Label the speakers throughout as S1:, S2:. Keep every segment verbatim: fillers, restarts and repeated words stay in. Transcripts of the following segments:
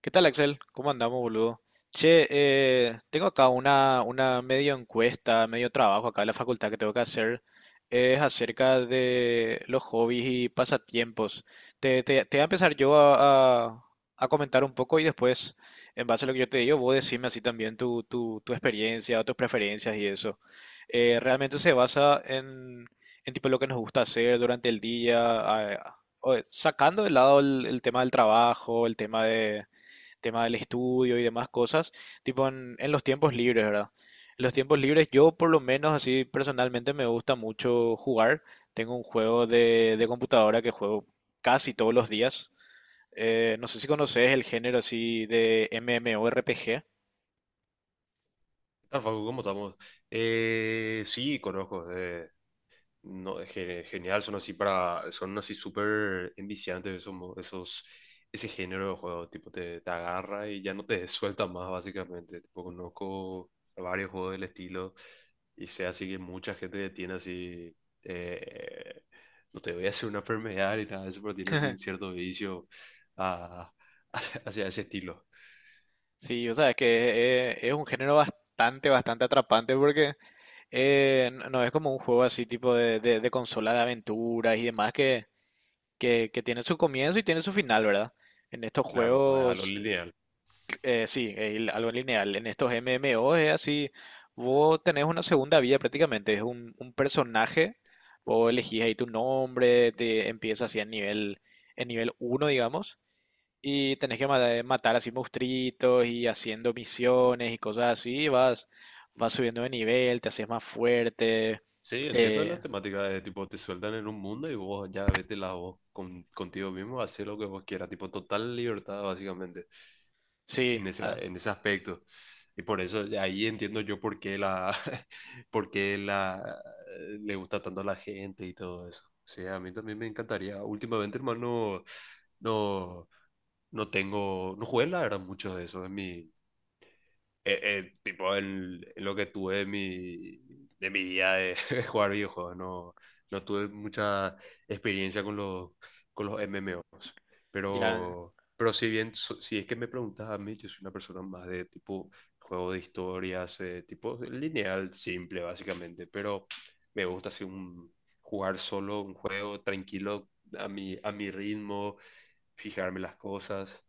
S1: ¿Qué tal, Axel? ¿Cómo andamos, boludo? Che, eh, tengo acá una, una medio encuesta, medio trabajo acá en la facultad que tengo que hacer. Es acerca de los hobbies y pasatiempos. Te, te- te voy a empezar yo a, a- a comentar un poco y después, en base a lo que yo te digo, vos decime así también tu, tu, tu experiencia, tus preferencias y eso. Eh, realmente se basa en, en tipo lo que nos gusta hacer durante el día, a- o- sacando de lado el el tema del trabajo, el tema de tema del estudio y demás cosas, tipo en, en los tiempos libres, ¿verdad? En los tiempos libres yo por lo menos así personalmente me gusta mucho jugar. Tengo un juego de, de computadora que juego casi todos los días. Eh, no sé si conoces el género así de MMORPG.
S2: Tal Facu, ¿cómo estamos? Eh, sí, conozco. Eh, no, es ge- genial, son así para, son así súper enviciantes esos, mo- esos, ese género de juego, tipo te, te agarra y ya no te suelta más básicamente. Tipo, conozco varios juegos del estilo y sé así que mucha gente tiene así, eh, no te voy a hacer una enfermedad ni nada de eso, pero tiene así un cierto vicio a- hacia ese estilo.
S1: Sí, o sea, es que es, es un género bastante, bastante atrapante porque eh, no no es como un juego así tipo de, de- de consola de aventuras y demás que que, que tiene su comienzo y tiene su final, ¿verdad? En estos
S2: Claro, no es algo
S1: juegos,
S2: lineal.
S1: eh, sí, eh, algo lineal. En estos M M O es así, vos tenés una segunda vida prácticamente, es un, un personaje, vos elegís ahí tu nombre, te empiezas así en nivel, en nivel uno, digamos, y tenés que ma- matar así monstruitos y haciendo misiones y cosas así, vas, vas subiendo de nivel, te haces más fuerte,
S2: Sí, entiendo la
S1: te-
S2: temática de tipo, te sueltan en un mundo y vos ya vete la voz con, contigo mismo, hacer lo que vos quieras, tipo, total libertad básicamente
S1: sí,
S2: en ese,
S1: ah,
S2: en ese aspecto. Y por eso de ahí entiendo yo por qué la, por qué la, le gusta tanto a la gente y todo eso. Sí, a mí también me encantaría. Últimamente, hermano, no, no tengo, no jugué la verdad mucho de eso, es mi, eh, eh, tipo en, en lo que tuve de mi, de mi vida de, de jugar videojuegos, no, no tuve mucha experiencia con los, con los M M Os,
S1: ya,
S2: pero, pero si bien, so- si es que me preguntas a mí, yo soy una persona más de tipo juego de historias, eh, tipo lineal, simple básicamente, pero me gusta así un, jugar solo un juego tranquilo a mi, a mi ritmo, fijarme las cosas.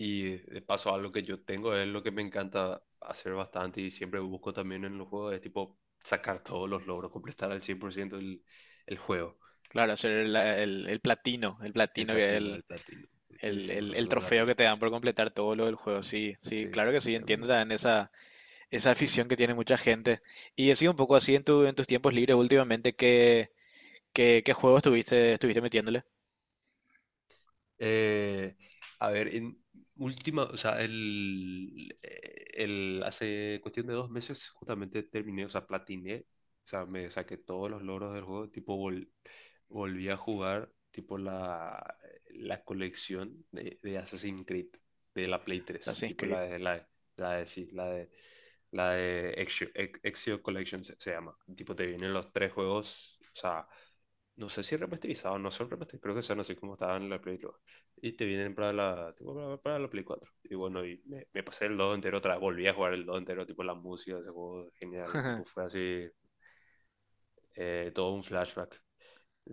S2: Y de paso, algo que yo tengo es lo que me encanta hacer bastante y siempre busco también en los juegos, es tipo sacar todos los logros, completar al cien por ciento el, el juego,
S1: claro, hacer el, el- el platino, el
S2: el
S1: platino que es
S2: platino, el
S1: el,
S2: platino, le
S1: el-
S2: decimos
S1: el- el
S2: nosotros a la
S1: trofeo
S2: Play.
S1: que te dan por completar todo lo del juego. Sí, sí,
S2: Sí,
S1: claro que sí,
S2: a mí.
S1: entiendo también esa, esa afición que tiene mucha gente. Y he sido un poco así en tu, en tus tiempos libres últimamente, ¿qué, qué, ¿qué juego estuviste, estuviste metiéndole?
S2: Eh, a ver, en última, o sea, el, el, hace cuestión de dos meses justamente terminé, o sea, platiné, o sea, me saqué todos los logros del juego, tipo vol- volví a jugar, tipo la, la colección de, de Assassin's Creed, de la Play tres
S1: Assassin's
S2: tipo
S1: Creed,
S2: la de, la, de- la de, sí, la de, la de Ezio, Ex- Ezio Collection se, se llama, tipo te vienen los tres juegos, o sea, no sé si remasterizados, no son remasterizados, creo que son así como estaban en la Play y te vienen para la, tipo, para, para la Play cuatro. Y bueno, y me, me pasé el dos entero otra vez, volví a jugar el dos entero, tipo la música de ese juego, genial, tipo fue así, eh, todo un flashback.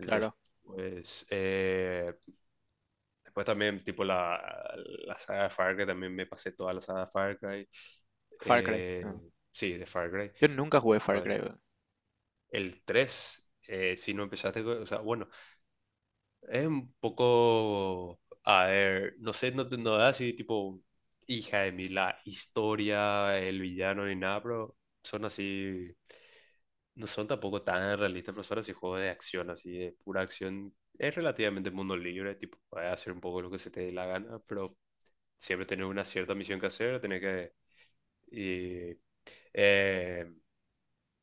S1: claro,
S2: eh, después también, tipo la, la saga de Far Cry, también me pasé toda la saga de Far Cry.
S1: Far Cry.
S2: Eh,
S1: Ah.
S2: sí, de Far Cry.
S1: Yo nunca jugué Far Cry,
S2: El,
S1: weón.
S2: el tres, eh, si no empezaste, con- o sea, bueno, es un poco, a ver, no sé, no, te- no da así tipo hija de mí la historia, el villano ni nada, pero son así, no son tampoco tan realistas, pero son así juegos de acción, así de pura acción. Es relativamente mundo libre, tipo, puedes hacer un poco lo que se te dé la gana, pero siempre tener una cierta misión que hacer, tener que... Y, eh,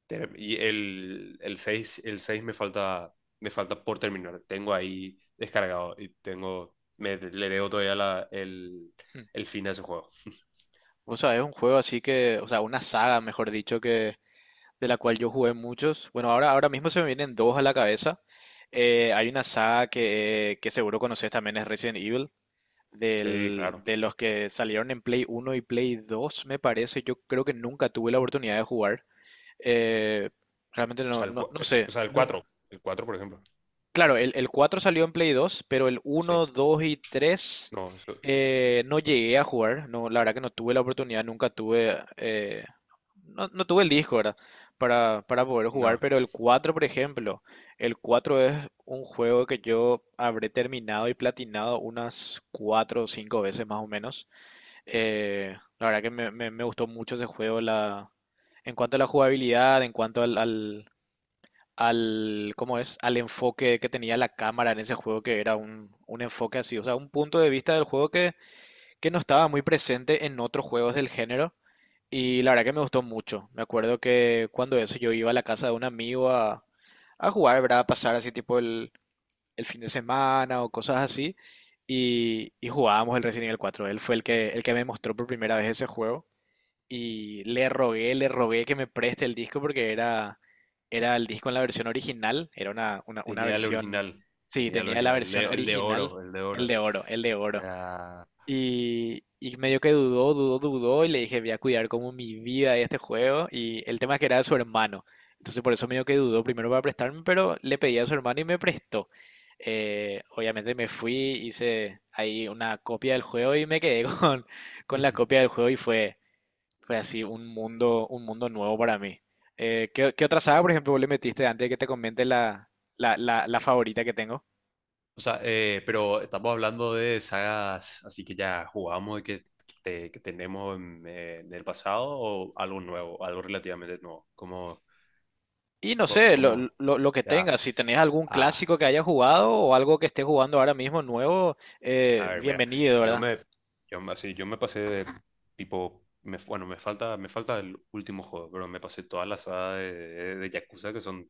S2: Ter- Y el, el seis, el seis me falta, me falta por terminar. Tengo ahí descargado y tengo, me, le debo todavía la, el,
S1: Hmm.
S2: el fin a ese juego.
S1: Vos sabés, un juego así que, o sea, una saga, mejor dicho, que, de la cual yo jugué muchos. Bueno, ahora, ahora mismo se me vienen dos a la cabeza. Eh, hay una saga que, eh, que seguro conoces también, es Resident Evil,
S2: Sí,
S1: del-
S2: claro. O
S1: de los que salieron en Play uno y Play dos, me parece. Yo creo que nunca tuve la oportunidad de jugar. Eh, realmente no,
S2: sea, el,
S1: no,
S2: cua-
S1: no
S2: eh,
S1: sé,
S2: o sea, el
S1: nun-
S2: cuatro. El cuatro, por ejemplo.
S1: Claro, el, el cuatro salió en Play dos, pero el
S2: Sí.
S1: uno, dos y tres
S2: No, eso-
S1: eh, no llegué a jugar. No, la verdad que no tuve la oportunidad, nunca tuve, eh, no, no tuve el disco, ¿verdad? Para, para poder jugar,
S2: no.
S1: pero el cuatro, por ejemplo, el cuatro es un juego que yo habré terminado y platinado unas cuatro o cinco veces más o menos. Eh, la verdad que me, me- Me gustó mucho ese juego la, en cuanto a la jugabilidad, en cuanto al, al- al, ¿cómo es? Al enfoque que tenía la cámara en ese juego, que era un, un enfoque así, o sea, un punto de vista del juego que, que no estaba muy presente en otros juegos del género. Y la verdad que me gustó mucho. Me acuerdo que cuando eso yo iba a la casa de un amigo a, a jugar, ¿verdad? A pasar así tipo el, el fin de semana o cosas así. Y, y jugábamos el Resident Evil cuatro. Él fue el que, el que me mostró por primera vez ese juego. Y le rogué, le rogué que me preste el disco porque era, era el disco en la versión original, era una, una, una
S2: Tenía el
S1: versión,
S2: original.
S1: sí,
S2: Tenía el
S1: tenía la
S2: original. El de,
S1: versión
S2: el de
S1: original,
S2: oro, el de
S1: el
S2: oro.
S1: de oro, el de oro.
S2: Ah.
S1: Y, y medio que dudó, dudó, dudó y le dije, voy a cuidar como mi vida de este juego. Y el tema es que era de su hermano. Entonces por eso medio que dudó primero para prestarme, pero le pedí a su hermano y me prestó. Eh, obviamente me fui, hice ahí una copia del juego y me quedé con, con la copia del juego y fue fue así un mundo, un mundo nuevo para mí. Eh, ¿qué, ¿qué otra saga, por ejemplo, vos le metiste antes de que te comente la, la, la, la favorita que tengo?
S2: O sea, eh, pero estamos hablando de sagas así que ya jugamos y que, que, te- que tenemos en, eh, en el pasado o algo nuevo, algo relativamente nuevo. Como,
S1: Y no
S2: co-
S1: sé, lo,
S2: como,
S1: lo- lo que
S2: ya,
S1: tengas, si tenés algún
S2: ah,
S1: clásico que hayas jugado o algo que estés jugando ahora mismo nuevo,
S2: A
S1: eh,
S2: ver, mira,
S1: bienvenido,
S2: yo
S1: ¿verdad?
S2: me, yo me- así, yo me pasé de tipo, me, bueno, me falta, me falta el último juego, pero me pasé toda la saga de, de, de Yakuza que son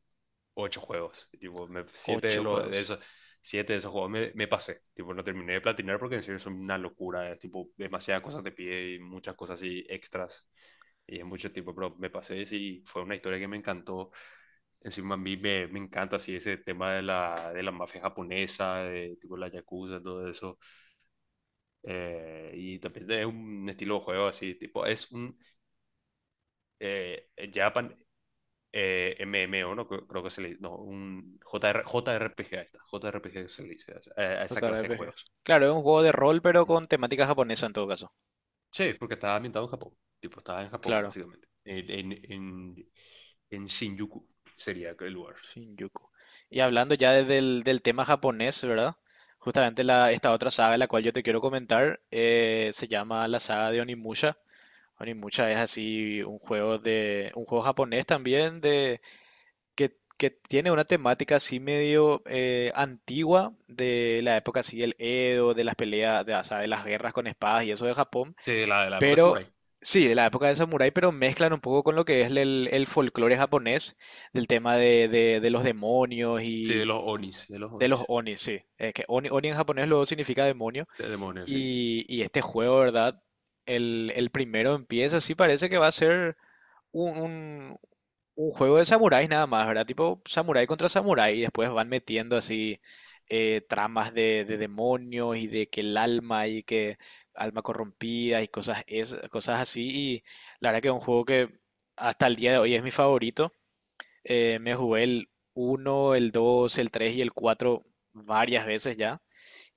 S2: ocho juegos, y, tipo, me- siete de
S1: Ocho
S2: los, de
S1: juegos.
S2: esos, siete de esos juegos me, me pasé, tipo, no terminé de platinar porque en serio son una locura, es tipo, demasiadas cosas te pide y muchas cosas así extras, y es mucho tiempo, pero me pasé y sí, fue una historia que me encantó. Encima a mí me, me encanta así ese tema de la, de la mafia japonesa, de tipo la yakuza, todo eso. Eh, y también es un estilo de juego así, tipo, es un eh, Japan, eh, M M O, ¿no? Creo creo que se le dice, no, un J JR, J R P G, ahí está, J R P G se le dice a esa, a esa clase de
S1: J R P G.
S2: juegos.
S1: Claro, es un juego de rol, pero con temática japonesa en todo caso.
S2: Sí, porque estaba ambientado en Japón, tipo, estaba en Japón,
S1: Claro.
S2: básicamente, en, en, en, en Shinjuku sería el lugar.
S1: Shinjuku. Y hablando ya de- del, del tema japonés, ¿verdad? Justamente la, esta otra saga, de la cual yo te quiero comentar, eh, se llama la saga de Onimusha. Onimusha es así un juego de, un juego japonés también de que, que tiene una temática así medio eh, antigua de la época así del Edo, de las peleas, de, o sea, de las guerras con espadas y eso de Japón.
S2: Sí, de la, de la época
S1: Pero
S2: samurai,
S1: sí, de la época de samurái, pero mezclan un poco con lo que es el, el folclore japonés, del tema de, de- de los demonios
S2: sí, de
S1: y
S2: los Onis, de los
S1: de los
S2: Onis,
S1: oni, sí. Eh, que oni, oni en japonés luego significa demonio.
S2: de demonios, sí.
S1: Y, y este juego, ¿verdad? El, el primero empieza, sí parece que va a ser un, un- un juego de samuráis nada más, ¿verdad? Tipo samurái contra samurái y después van metiendo así eh, tramas de, de demonios y de que el alma y que alma corrompida y cosas, es, cosas así. Y la verdad que es un juego que hasta el día de hoy es mi favorito. Eh, me jugué el uno, el dos, el tres y el cuatro varias veces ya.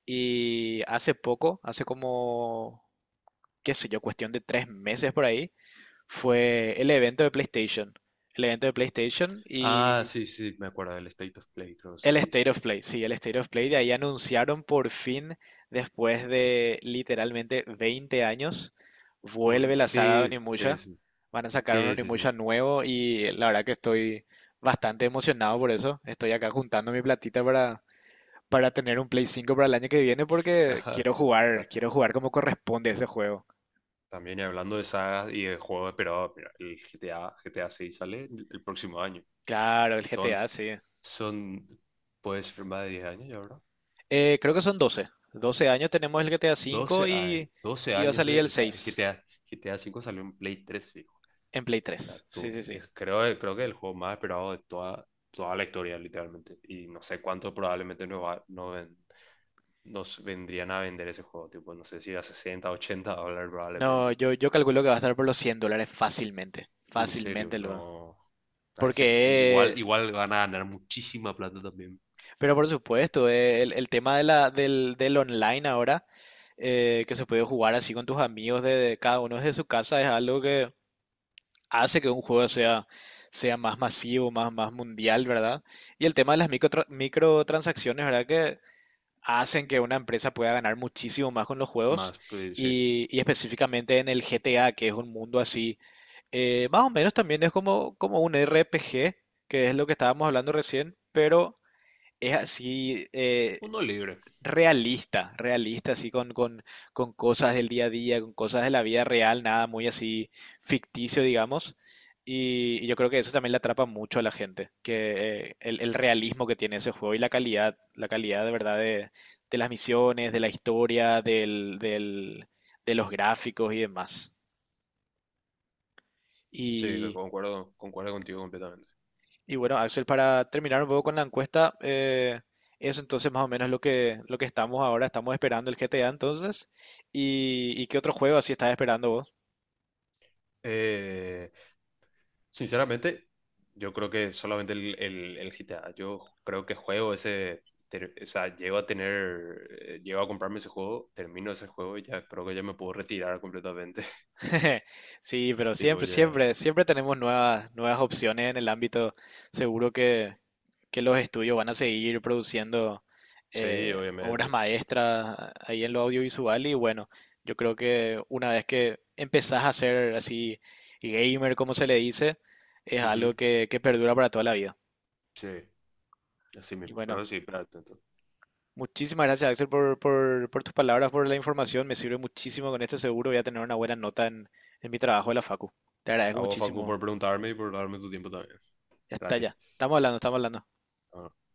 S1: Y hace poco, hace como, qué sé yo, cuestión de tres meses por ahí, fue el evento de PlayStation. El evento de PlayStation
S2: Ah,
S1: y
S2: sí, sí, me acuerdo del State of Play, creo que se
S1: el
S2: le dice.
S1: State of Play. Sí, el State of Play. De ahí anunciaron por fin, después de literalmente veinte años, vuelve
S2: Un,
S1: la saga de
S2: sí, sí,
S1: Onimusha.
S2: sí,
S1: Van a sacar un
S2: sí, sí, sí.
S1: Onimusha nuevo y la verdad que estoy bastante emocionado por eso. Estoy acá juntando mi platita para, para tener un Play cinco para el año que viene porque
S2: Ajá,
S1: quiero
S2: sí.
S1: jugar,
S2: Ta-
S1: quiero jugar como corresponde ese juego.
S2: También y hablando de sagas y de juegos esperados, mira, el G T A, G T A seis sale el el próximo año.
S1: Claro, el
S2: Son,
S1: G T A, sí.
S2: son, puede ser más de diez años ya, ¿verdad?
S1: Eh, creo que son doce doce años tenemos el GTA
S2: doce
S1: V
S2: años,
S1: y,
S2: doce
S1: y va a
S2: años
S1: salir
S2: de,
S1: el
S2: o sea, el
S1: seis
S2: G T A, G T A cinco salió en Play tres fijo.
S1: en Play
S2: O sea,
S1: tres. Sí,
S2: tú,
S1: sí, sí.
S2: es- creo, creo que es el juego más esperado de toda, toda la historia, literalmente. Y no sé cuánto probablemente nos va, nos ven- nos vendrían a vender ese juego, tipo, no sé si a sesenta ochenta dólares
S1: No,
S2: probablemente.
S1: yo, yo calculo que va a estar por los cien dólares fácilmente.
S2: En serio,
S1: Fácilmente lo va.
S2: no. Ahí se-
S1: Porque,
S2: igual,
S1: eh,
S2: igual van a ganar muchísima plata también.
S1: pero por supuesto, eh, el, el tema de la, del, del online ahora, eh, que se puede jugar así con tus amigos de, de cada uno desde su casa, es algo que hace que un juego sea, sea más masivo, más, más mundial, ¿verdad? Y el tema de las microtra- microtransacciones, ¿verdad? Que hacen que una empresa pueda ganar muchísimo más con los juegos
S2: Más, pues sí.
S1: y, y específicamente en el G T A, que es un mundo así, eh, más o menos también es como, como un R P G, que es lo que estábamos hablando recién, pero es así, eh,
S2: Uno libre.
S1: realista, realista, así con, con, con cosas del día a día, con cosas de la vida real, nada muy así ficticio, digamos. Y, y yo creo que eso también le atrapa mucho a la gente, que eh, el, el realismo que tiene ese juego y la calidad, la calidad de verdad de, de las misiones, de la historia, del, del- de los gráficos y demás.
S2: Sí, concuerdo, concuerdo contigo completamente.
S1: Y bueno, Axel, para terminar un poco con la encuesta, eh, eso entonces más o menos lo que, lo que estamos ahora, estamos esperando el G T A entonces. ¿Y, y qué otro juego así estás esperando vos?
S2: Eh, Sinceramente, yo creo que solamente el, el, el G T A. Yo creo que juego ese. Ter- o sea, llego a tener. eh, Llego a comprarme ese juego, termino ese juego y ya creo que ya me puedo retirar completamente.
S1: Sí, pero
S2: Tipo,
S1: siempre,
S2: ya.
S1: siempre, siempre tenemos nuevas, nuevas opciones en el ámbito. Seguro que, que los estudios van a seguir produciendo
S2: Sí,
S1: eh, obras
S2: obviamente.
S1: maestras ahí en lo audiovisual y bueno, yo creo que una vez que empezás a ser así gamer, como se le dice, es algo
S2: Ujú,
S1: que, que perdura para toda la vida.
S2: sí, así
S1: Y
S2: mismo. Pero
S1: bueno,
S2: sí, plata.
S1: muchísimas gracias Axel por, por, por tus palabras, por la información, me sirve muchísimo con esto, seguro voy a tener una buena nota en, en mi trabajo de la Facu. Te agradezco
S2: A vos, Facu,
S1: muchísimo.
S2: por preguntarme y por darme tu tiempo también.
S1: Ya está,
S2: Gracias.
S1: ya. Estamos hablando, estamos hablando.
S2: Bueno.